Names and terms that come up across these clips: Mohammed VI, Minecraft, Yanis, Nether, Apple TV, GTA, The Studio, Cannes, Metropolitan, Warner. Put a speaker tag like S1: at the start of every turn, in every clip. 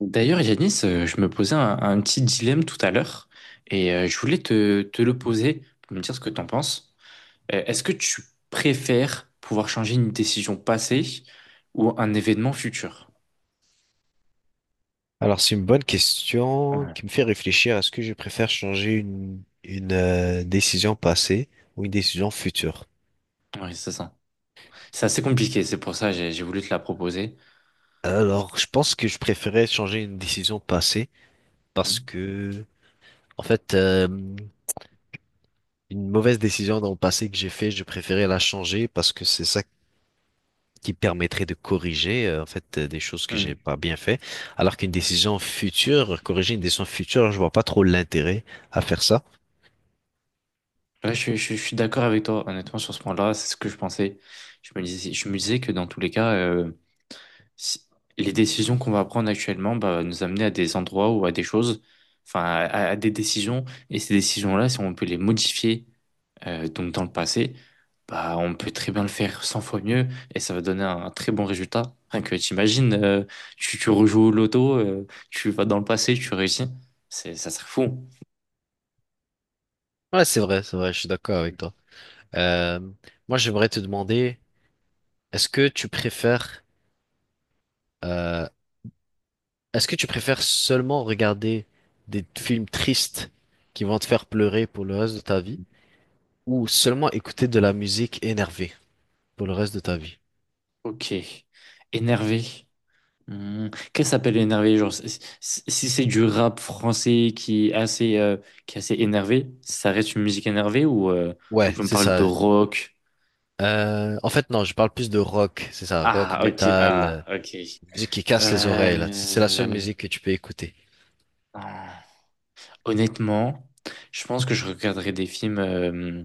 S1: D'ailleurs, Yanis, je me posais un petit dilemme tout à l'heure et je voulais te le poser pour me dire ce que t'en penses. Est-ce que tu préfères pouvoir changer une décision passée ou un événement futur?
S2: Alors, c'est une bonne question
S1: Ouais.
S2: qui me fait réfléchir. Est-ce que je préfère changer une décision passée ou une décision future?
S1: Oui, c'est ça. C'est assez compliqué, c'est pour ça que j'ai voulu te la proposer.
S2: Alors, je pense que je préférais changer une décision passée parce
S1: Mm.
S2: que, en fait, une mauvaise décision dans le passé que j'ai fait, je préférais la changer parce que c'est ça qui permettrait de corriger, en fait, des choses que j'ai
S1: Mm.
S2: pas bien fait. Alors qu'une décision future, corriger une décision future, je vois pas trop l'intérêt à faire ça.
S1: Ouais, je suis d'accord avec toi, honnêtement, sur ce point-là, c'est ce que je pensais. Je me disais que dans tous les cas, si- les décisions qu'on va prendre actuellement bah, nous amener à des endroits ou à des choses, enfin à des décisions. Et ces décisions-là, si on peut les modifier donc dans le passé, bah, on peut très bien le faire 100 fois mieux et ça va donner un très bon résultat. Rien que t'imagines, tu rejoues au loto, tu vas dans le passé, tu réussis. Ça serait fou.
S2: Ouais, c'est vrai, je suis d'accord avec toi. Euh, Moi, j'aimerais te demander, est-ce que tu préfères, euh, est-ce que tu préfères seulement regarder des films tristes qui vont te faire pleurer pour le reste de ta vie, ou seulement écouter de la musique énervée pour le reste de ta vie?
S1: Ok. Énervé. Hmm. Qu'est-ce qui s'appelle énervé? Genre, si c'est du rap français qui est assez, énervé, ça reste une musique énervée ou
S2: Ouais,
S1: tu me
S2: c'est
S1: parles de
S2: ça.
S1: rock?
S2: En fait, non, je parle plus de rock, c'est ça, rock,
S1: Ah, ok,
S2: metal,
S1: ah, ok.
S2: musique qui casse les oreilles, là. C'est la seule
S1: Euh...
S2: musique que tu peux écouter.
S1: ah. Honnêtement, je pense que je regarderai des films, euh,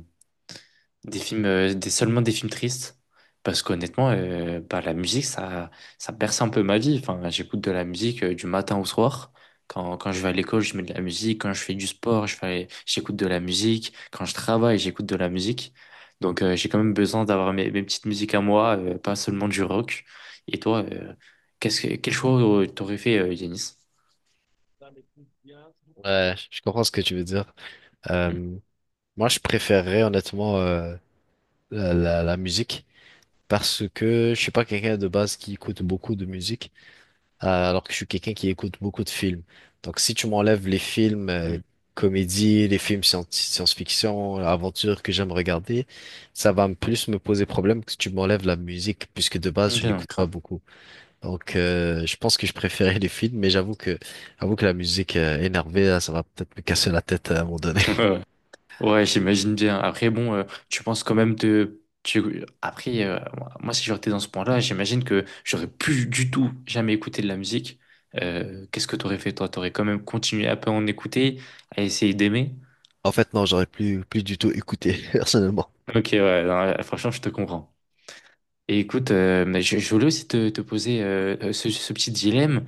S1: des films, euh, des, seulement des films tristes, parce qu'honnêtement, bah, la musique, ça berce un peu ma vie. Enfin, j'écoute de la musique du matin au soir. Quand je vais à l'école, je mets de la musique. Quand je fais du sport, j'écoute de la musique. Quand je travaille, j'écoute de la musique. Donc, j'ai quand même besoin d'avoir mes petites musiques à moi, pas seulement du rock. Et toi, quel choix t'aurais fait, Yanis?
S2: Ouais, je comprends ce que tu veux dire.
S1: Hmm.
S2: Euh, Moi, je préférerais honnêtement la musique parce que je suis pas quelqu'un de base qui écoute beaucoup de musique. Alors que je suis quelqu'un qui écoute beaucoup de films. Donc, si tu m'enlèves les films
S1: Hmm.
S2: comédie, les films science-fiction, aventure que j'aime regarder, ça va me plus me poser problème que si tu m'enlèves la musique, puisque de
S1: Ok,
S2: base, je
S1: donc,
S2: n'écoute pas
S1: crains.
S2: beaucoup. Donc, je pense que je préférais les films, mais j'avoue que la musique énervée, là, ça va peut-être me casser la tête à un moment donné.
S1: Ouais, j'imagine bien. Après, bon, tu penses quand même Après, moi, si j'aurais été dans ce point-là, j'imagine que j'aurais plus du tout jamais écouté de la musique. Qu'est-ce que t'aurais fait, toi? T'aurais quand même continué à en écouter, à essayer d'aimer?
S2: En fait, non, j'aurais plus du tout écouté, personnellement.
S1: Ok, ouais, non, franchement, je te comprends. Et écoute, mais je voulais aussi te poser ce petit dilemme.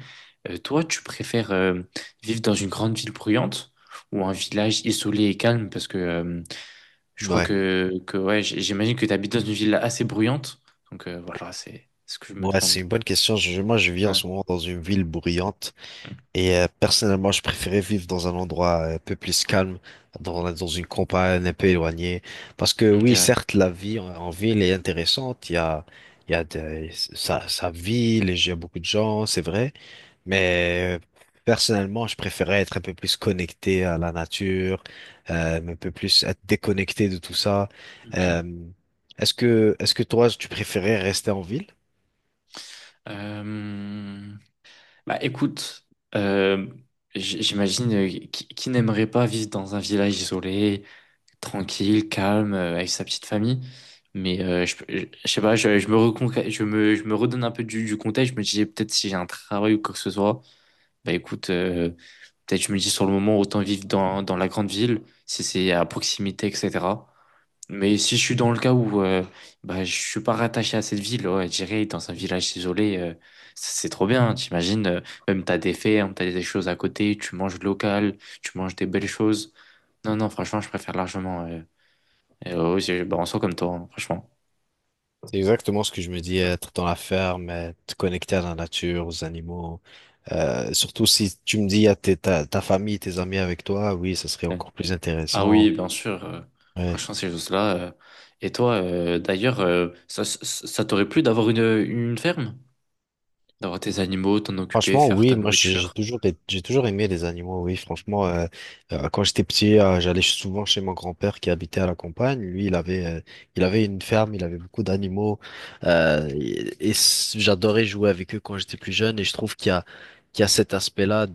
S1: Toi, tu préfères vivre dans une grande ville bruyante ou un village isolé et calme? Parce que je crois
S2: Ouais.
S1: que ouais, j'imagine que tu habites dans une ville assez bruyante. Donc voilà, c'est ce que je me
S2: Ouais, c'est
S1: demande.
S2: une bonne question. Moi, je vis en
S1: Ouais.
S2: ce moment dans une ville bruyante. Et personnellement, je préférais vivre dans un endroit un peu plus calme, dans une campagne un peu éloignée. Parce que
S1: Ok,
S2: oui, certes, la vie en ville est intéressante. Il y a de, ça vit, il y a beaucoup de gens, c'est vrai. Mais personnellement, je préférais être un peu plus connecté à la nature, un peu plus être déconnecté de tout ça.
S1: ok.
S2: Euh, est-ce que toi, tu préférais rester en ville?
S1: Euh, Bah écoute, euh, j'imagine qui n'aimerait pas vivre dans un village isolé, tranquille, calme, avec sa petite famille. Mais je sais pas, je me reconca- je me redonne un peu du contexte. Je me disais peut-être si j'ai un travail ou quoi que ce soit, bah écoute, peut-être je me dis sur le moment, autant vivre dans la grande ville, si c'est à proximité, etc. Mais si je suis dans le cas où bah, je suis pas rattaché à cette ville, ouais, j'irai dans un village isolé, c'est trop bien, t'imagines, même t'as des fermes, t'as des choses à côté, tu manges local, tu manges des belles choses. Non, non, franchement, je préfère largement. Ouais, bah, en soi comme toi, hein, franchement.
S2: C'est exactement ce que je me dis, être dans la ferme, être connecté à la nature, aux animaux. Surtout si tu me dis, à ta famille, tes amis avec toi, oui, ce serait
S1: Ouais.
S2: encore plus
S1: Ah oui,
S2: intéressant.
S1: bien sûr,
S2: Ouais.
S1: franchement, ces choses-là. Et toi, d'ailleurs, ça t'aurait plu d'avoir une ferme? D'avoir tes animaux, t'en occuper,
S2: Franchement,
S1: faire
S2: oui,
S1: ta
S2: moi j'ai
S1: nourriture.
S2: toujours, j'ai toujours aimé les animaux, oui, franchement, quand j'étais petit, j'allais souvent chez mon grand-père qui habitait à la campagne. Lui, il avait une ferme, il avait beaucoup d'animaux, et j'adorais jouer avec eux quand j'étais plus jeune. Et je trouve qu'il y a cet aspect-là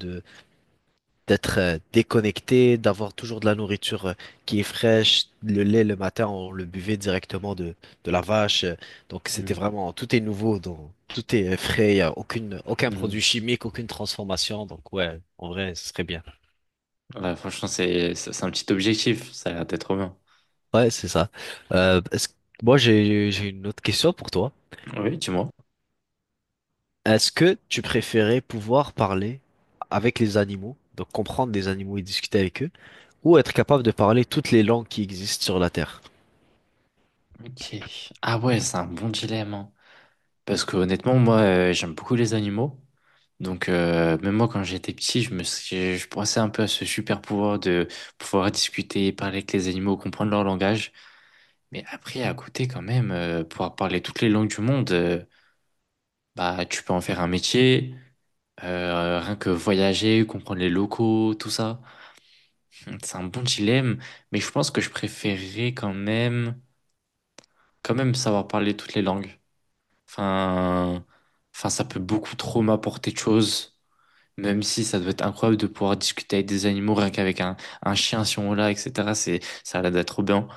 S2: d'être déconnecté, d'avoir toujours de la nourriture qui est fraîche. Le lait le matin, on le buvait directement de la vache. Donc c'était
S1: Mm.
S2: vraiment tout est nouveau, donc tout est frais, y a aucune, aucun
S1: Mm.
S2: produit chimique, aucune transformation. Donc ouais, en vrai, ce serait bien.
S1: Ouais, franchement, c'est un petit objectif, ça a l'air d'être trop bien.
S2: Ouais, c'est ça. Euh, est-ce- moi j'ai une autre question pour toi.
S1: Oui, dis-moi.
S2: Est-ce que tu préférais pouvoir parler avec les animaux, donc comprendre des animaux et discuter avec eux, ou être capable de parler toutes les langues qui existent sur la Terre?
S1: Ok. Ah ouais, c'est un bon dilemme, hein. Parce que honnêtement, moi, j'aime beaucoup les animaux. Donc, même moi, quand j'étais petit, je pensais un peu à ce super pouvoir de pouvoir discuter, parler avec les animaux, comprendre leur langage. Mais après, à côté, quand même, pouvoir parler toutes les langues du monde, bah, tu peux en faire un métier. Rien que voyager, comprendre les locaux, tout ça. C'est un bon dilemme, mais je pense que je préférerais quand même savoir parler toutes les langues. Enfin, enfin, ça peut beaucoup trop m'apporter de choses, même si ça doit être incroyable de pouvoir discuter avec des animaux, rien qu'avec un chien si on l'a, etc. Ça a l'air d'être trop bien.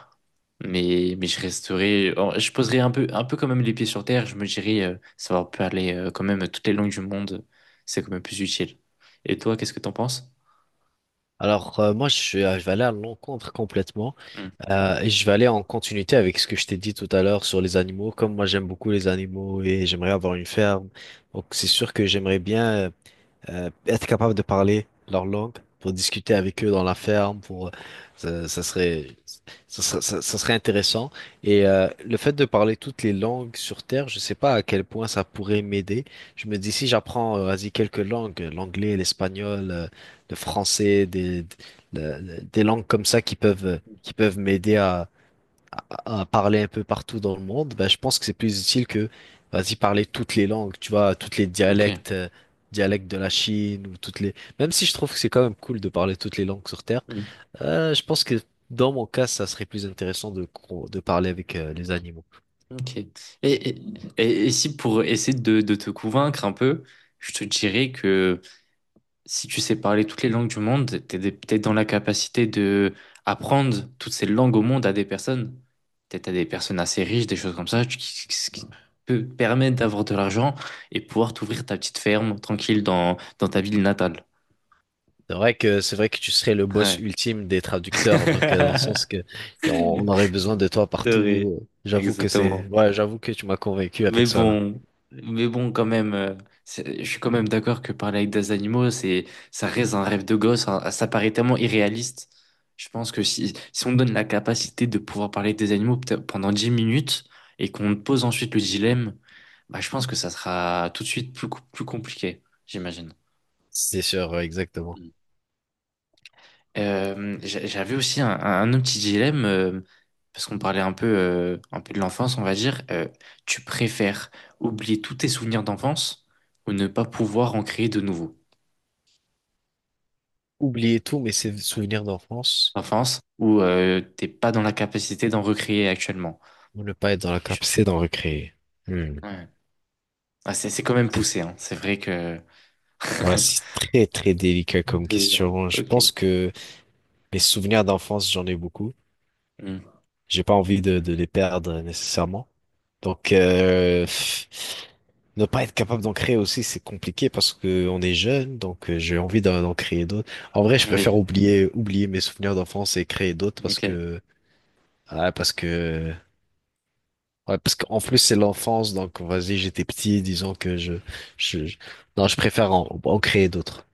S1: Mais je resterai, or, je poserai un peu quand même les pieds sur terre. Je me dirais, savoir parler quand même toutes les langues du monde, c'est quand même plus utile. Et toi, qu'est-ce que t'en penses?
S2: Alors, moi, je vais aller à l'encontre complètement.
S1: Hmm,
S2: Et je vais aller en continuité avec ce que je t'ai dit tout à l'heure sur les animaux. Comme moi, j'aime beaucoup les animaux et j'aimerais avoir une ferme. Donc, c'est sûr que j'aimerais bien être capable de parler leur langue pour discuter avec eux dans la ferme, pour ça, ça serait intéressant. Et le fait de parler toutes les langues sur Terre, je sais pas à quel point ça pourrait m'aider. Je me dis si j'apprends vas-y quelques langues, l'anglais, l'espagnol, le français, des langues comme ça qui peuvent m'aider à parler un peu partout dans le monde, ben, je pense que c'est plus utile que, vas-y, parler toutes les langues, tu vois, toutes les
S1: ok.
S2: dialectes, dialectes de la Chine ou toutes les... Même si je trouve que c'est quand même cool de parler toutes les langues sur Terre, je pense que dans mon cas, ça serait plus intéressant de, de parler avec les animaux.
S1: Ok. Et, et si pour essayer de te convaincre un peu, je te dirais que si tu sais parler toutes les langues du monde, peut-être dans la capacité de apprendre toutes ces langues au monde à des personnes, peut-être à des personnes assez riches, des choses comme ça, ce qui peut permettre d'avoir de l'argent et pouvoir t'ouvrir ta petite ferme tranquille dans ta ville natale.
S2: C'est vrai que tu serais le boss
S1: Ouais.
S2: ultime des traducteurs, donc dans le sens que on aurait besoin de toi
S1: C'est vrai.
S2: partout. J'avoue que
S1: Exactement.
S2: c'est, ouais, j'avoue que tu m'as convaincu
S1: Mais
S2: avec ça là.
S1: bon, mais bon, quand même, je suis quand même d'accord que parler avec des animaux, ça reste un rêve de gosse, hein. Ça paraît tellement irréaliste. Je pense que si on donne la capacité de pouvoir parler avec des animaux peut-être pendant 10 minutes et qu'on pose ensuite le dilemme, bah, je pense que ça sera tout de suite plus compliqué, j'imagine.
S2: C'est sûr, ouais, exactement.
S1: J'avais aussi un autre petit dilemme, parce qu'on parlait un peu de l'enfance, on va dire. Tu préfères oublier tous tes souvenirs d'enfance ou ne pas pouvoir en créer de nouveaux?
S2: Oublier tout, mais c'est souvenirs d'enfance.
S1: Enfance, ou t'es pas dans la capacité d'en recréer actuellement.
S2: Ou ne pas être dans la
S1: Tu-
S2: capacité d'en recréer. Hmm.
S1: Ouais. Ah, c'est quand même
S2: C'est
S1: poussé, hein. C'est vrai que.
S2: voilà, c'est très très délicat
S1: C'est
S2: comme
S1: bizarre.
S2: question. Je
S1: Ok.
S2: pense que mes souvenirs d'enfance, j'en ai beaucoup.
S1: Hmm.
S2: J'ai pas envie de les perdre nécessairement. Donc ne pas être capable d'en créer aussi, c'est compliqué parce que on est jeune, donc j'ai envie d'en créer d'autres. En vrai, je préfère
S1: Oui,
S2: oublier mes souvenirs d'enfance et créer d'autres parce
S1: ok.
S2: que ah, parce que ouais, parce qu'en plus c'est l'enfance, donc vas-y, j'étais petit, disons que je, je, je- non, je préfère en créer d'autres.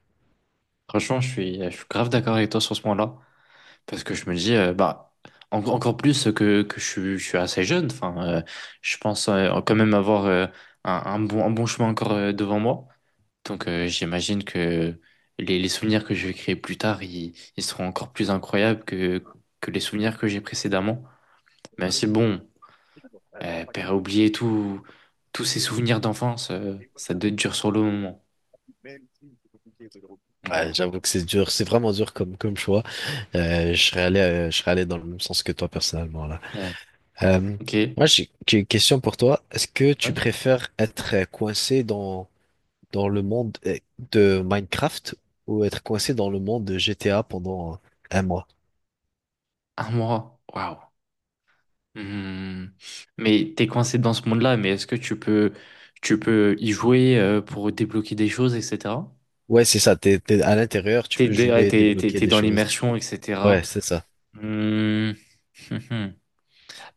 S1: Franchement, je suis grave d'accord avec toi sur ce point-là. Parce que je me dis, bah, encore plus que je suis assez jeune. Enfin, je pense quand même avoir un bon chemin encore devant moi. Donc, j'imagine que les souvenirs que je vais créer plus tard, ils seront encore plus incroyables que les souvenirs que j'ai précédemment. Même si, bon, père oublier tous ces souvenirs d'enfance, ça doit être dur sur le moment.
S2: Ouais,
S1: Voilà.
S2: j'avoue que c'est dur, c'est vraiment dur comme choix. Je serais allé dans le même sens que toi personnellement là.
S1: Ouais.
S2: Euh,
S1: Ok.
S2: Moi, j'ai une question pour toi. Est-ce que tu
S1: Ouais.
S2: préfères être coincé dans le monde de Minecraft ou être coincé dans le monde de GTA pendant un mois.
S1: Un mois. Waouh. Hmm. Mais t'es coincé dans ce monde-là, mais est-ce que tu peux y jouer pour débloquer des choses, etc.
S2: Ouais, c'est ça. T'es à l'intérieur, tu peux
S1: Ouais,
S2: jouer,
S1: t'es, t'es,
S2: débloquer
S1: t'es
S2: des
S1: dans
S2: choses.
S1: l'immersion, etc.
S2: Ouais, c'est ça.
S1: Hmm.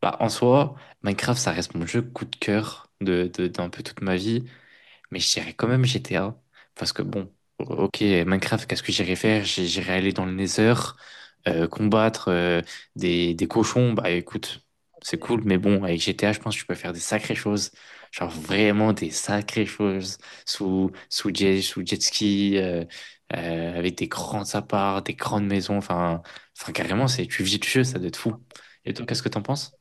S1: Bah, en soi, Minecraft, ça reste mon jeu coup de cœur d'un peu toute ma vie. Mais je dirais quand même GTA. Parce que bon, ok, Minecraft, qu'est-ce que j'irais faire? J'irais aller dans le Nether, combattre des cochons. Bah écoute, c'est cool, mais bon, avec GTA, je pense que tu peux faire des sacrées choses. Genre vraiment des sacrées choses. Sous jet ski, avec des grands apparts, des grandes maisons. Enfin, enfin carrément, tu vis le jeu, ça doit être fou. Et toi, qu'est-ce que t'en penses?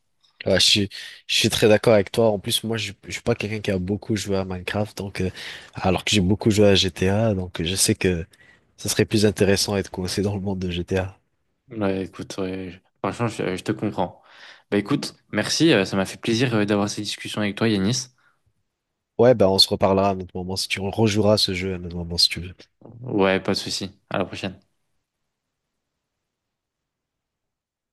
S2: Ouais, je suis, je suis très d'accord avec toi. En plus, moi, je suis pas quelqu'un qui a beaucoup joué à Minecraft, donc alors que j'ai beaucoup joué à GTA, donc je sais que ça serait plus intéressant d'être coincé dans le monde de GTA.
S1: Ouais, écoute, ouais, franchement, je te comprends. Bah écoute, merci, ça m'a fait plaisir d'avoir cette discussion avec toi, Yanis.
S2: Ouais, ben on se reparlera à un autre moment si tu rejoueras à ce jeu à un autre moment si tu veux.
S1: Ouais, pas de souci. À la prochaine.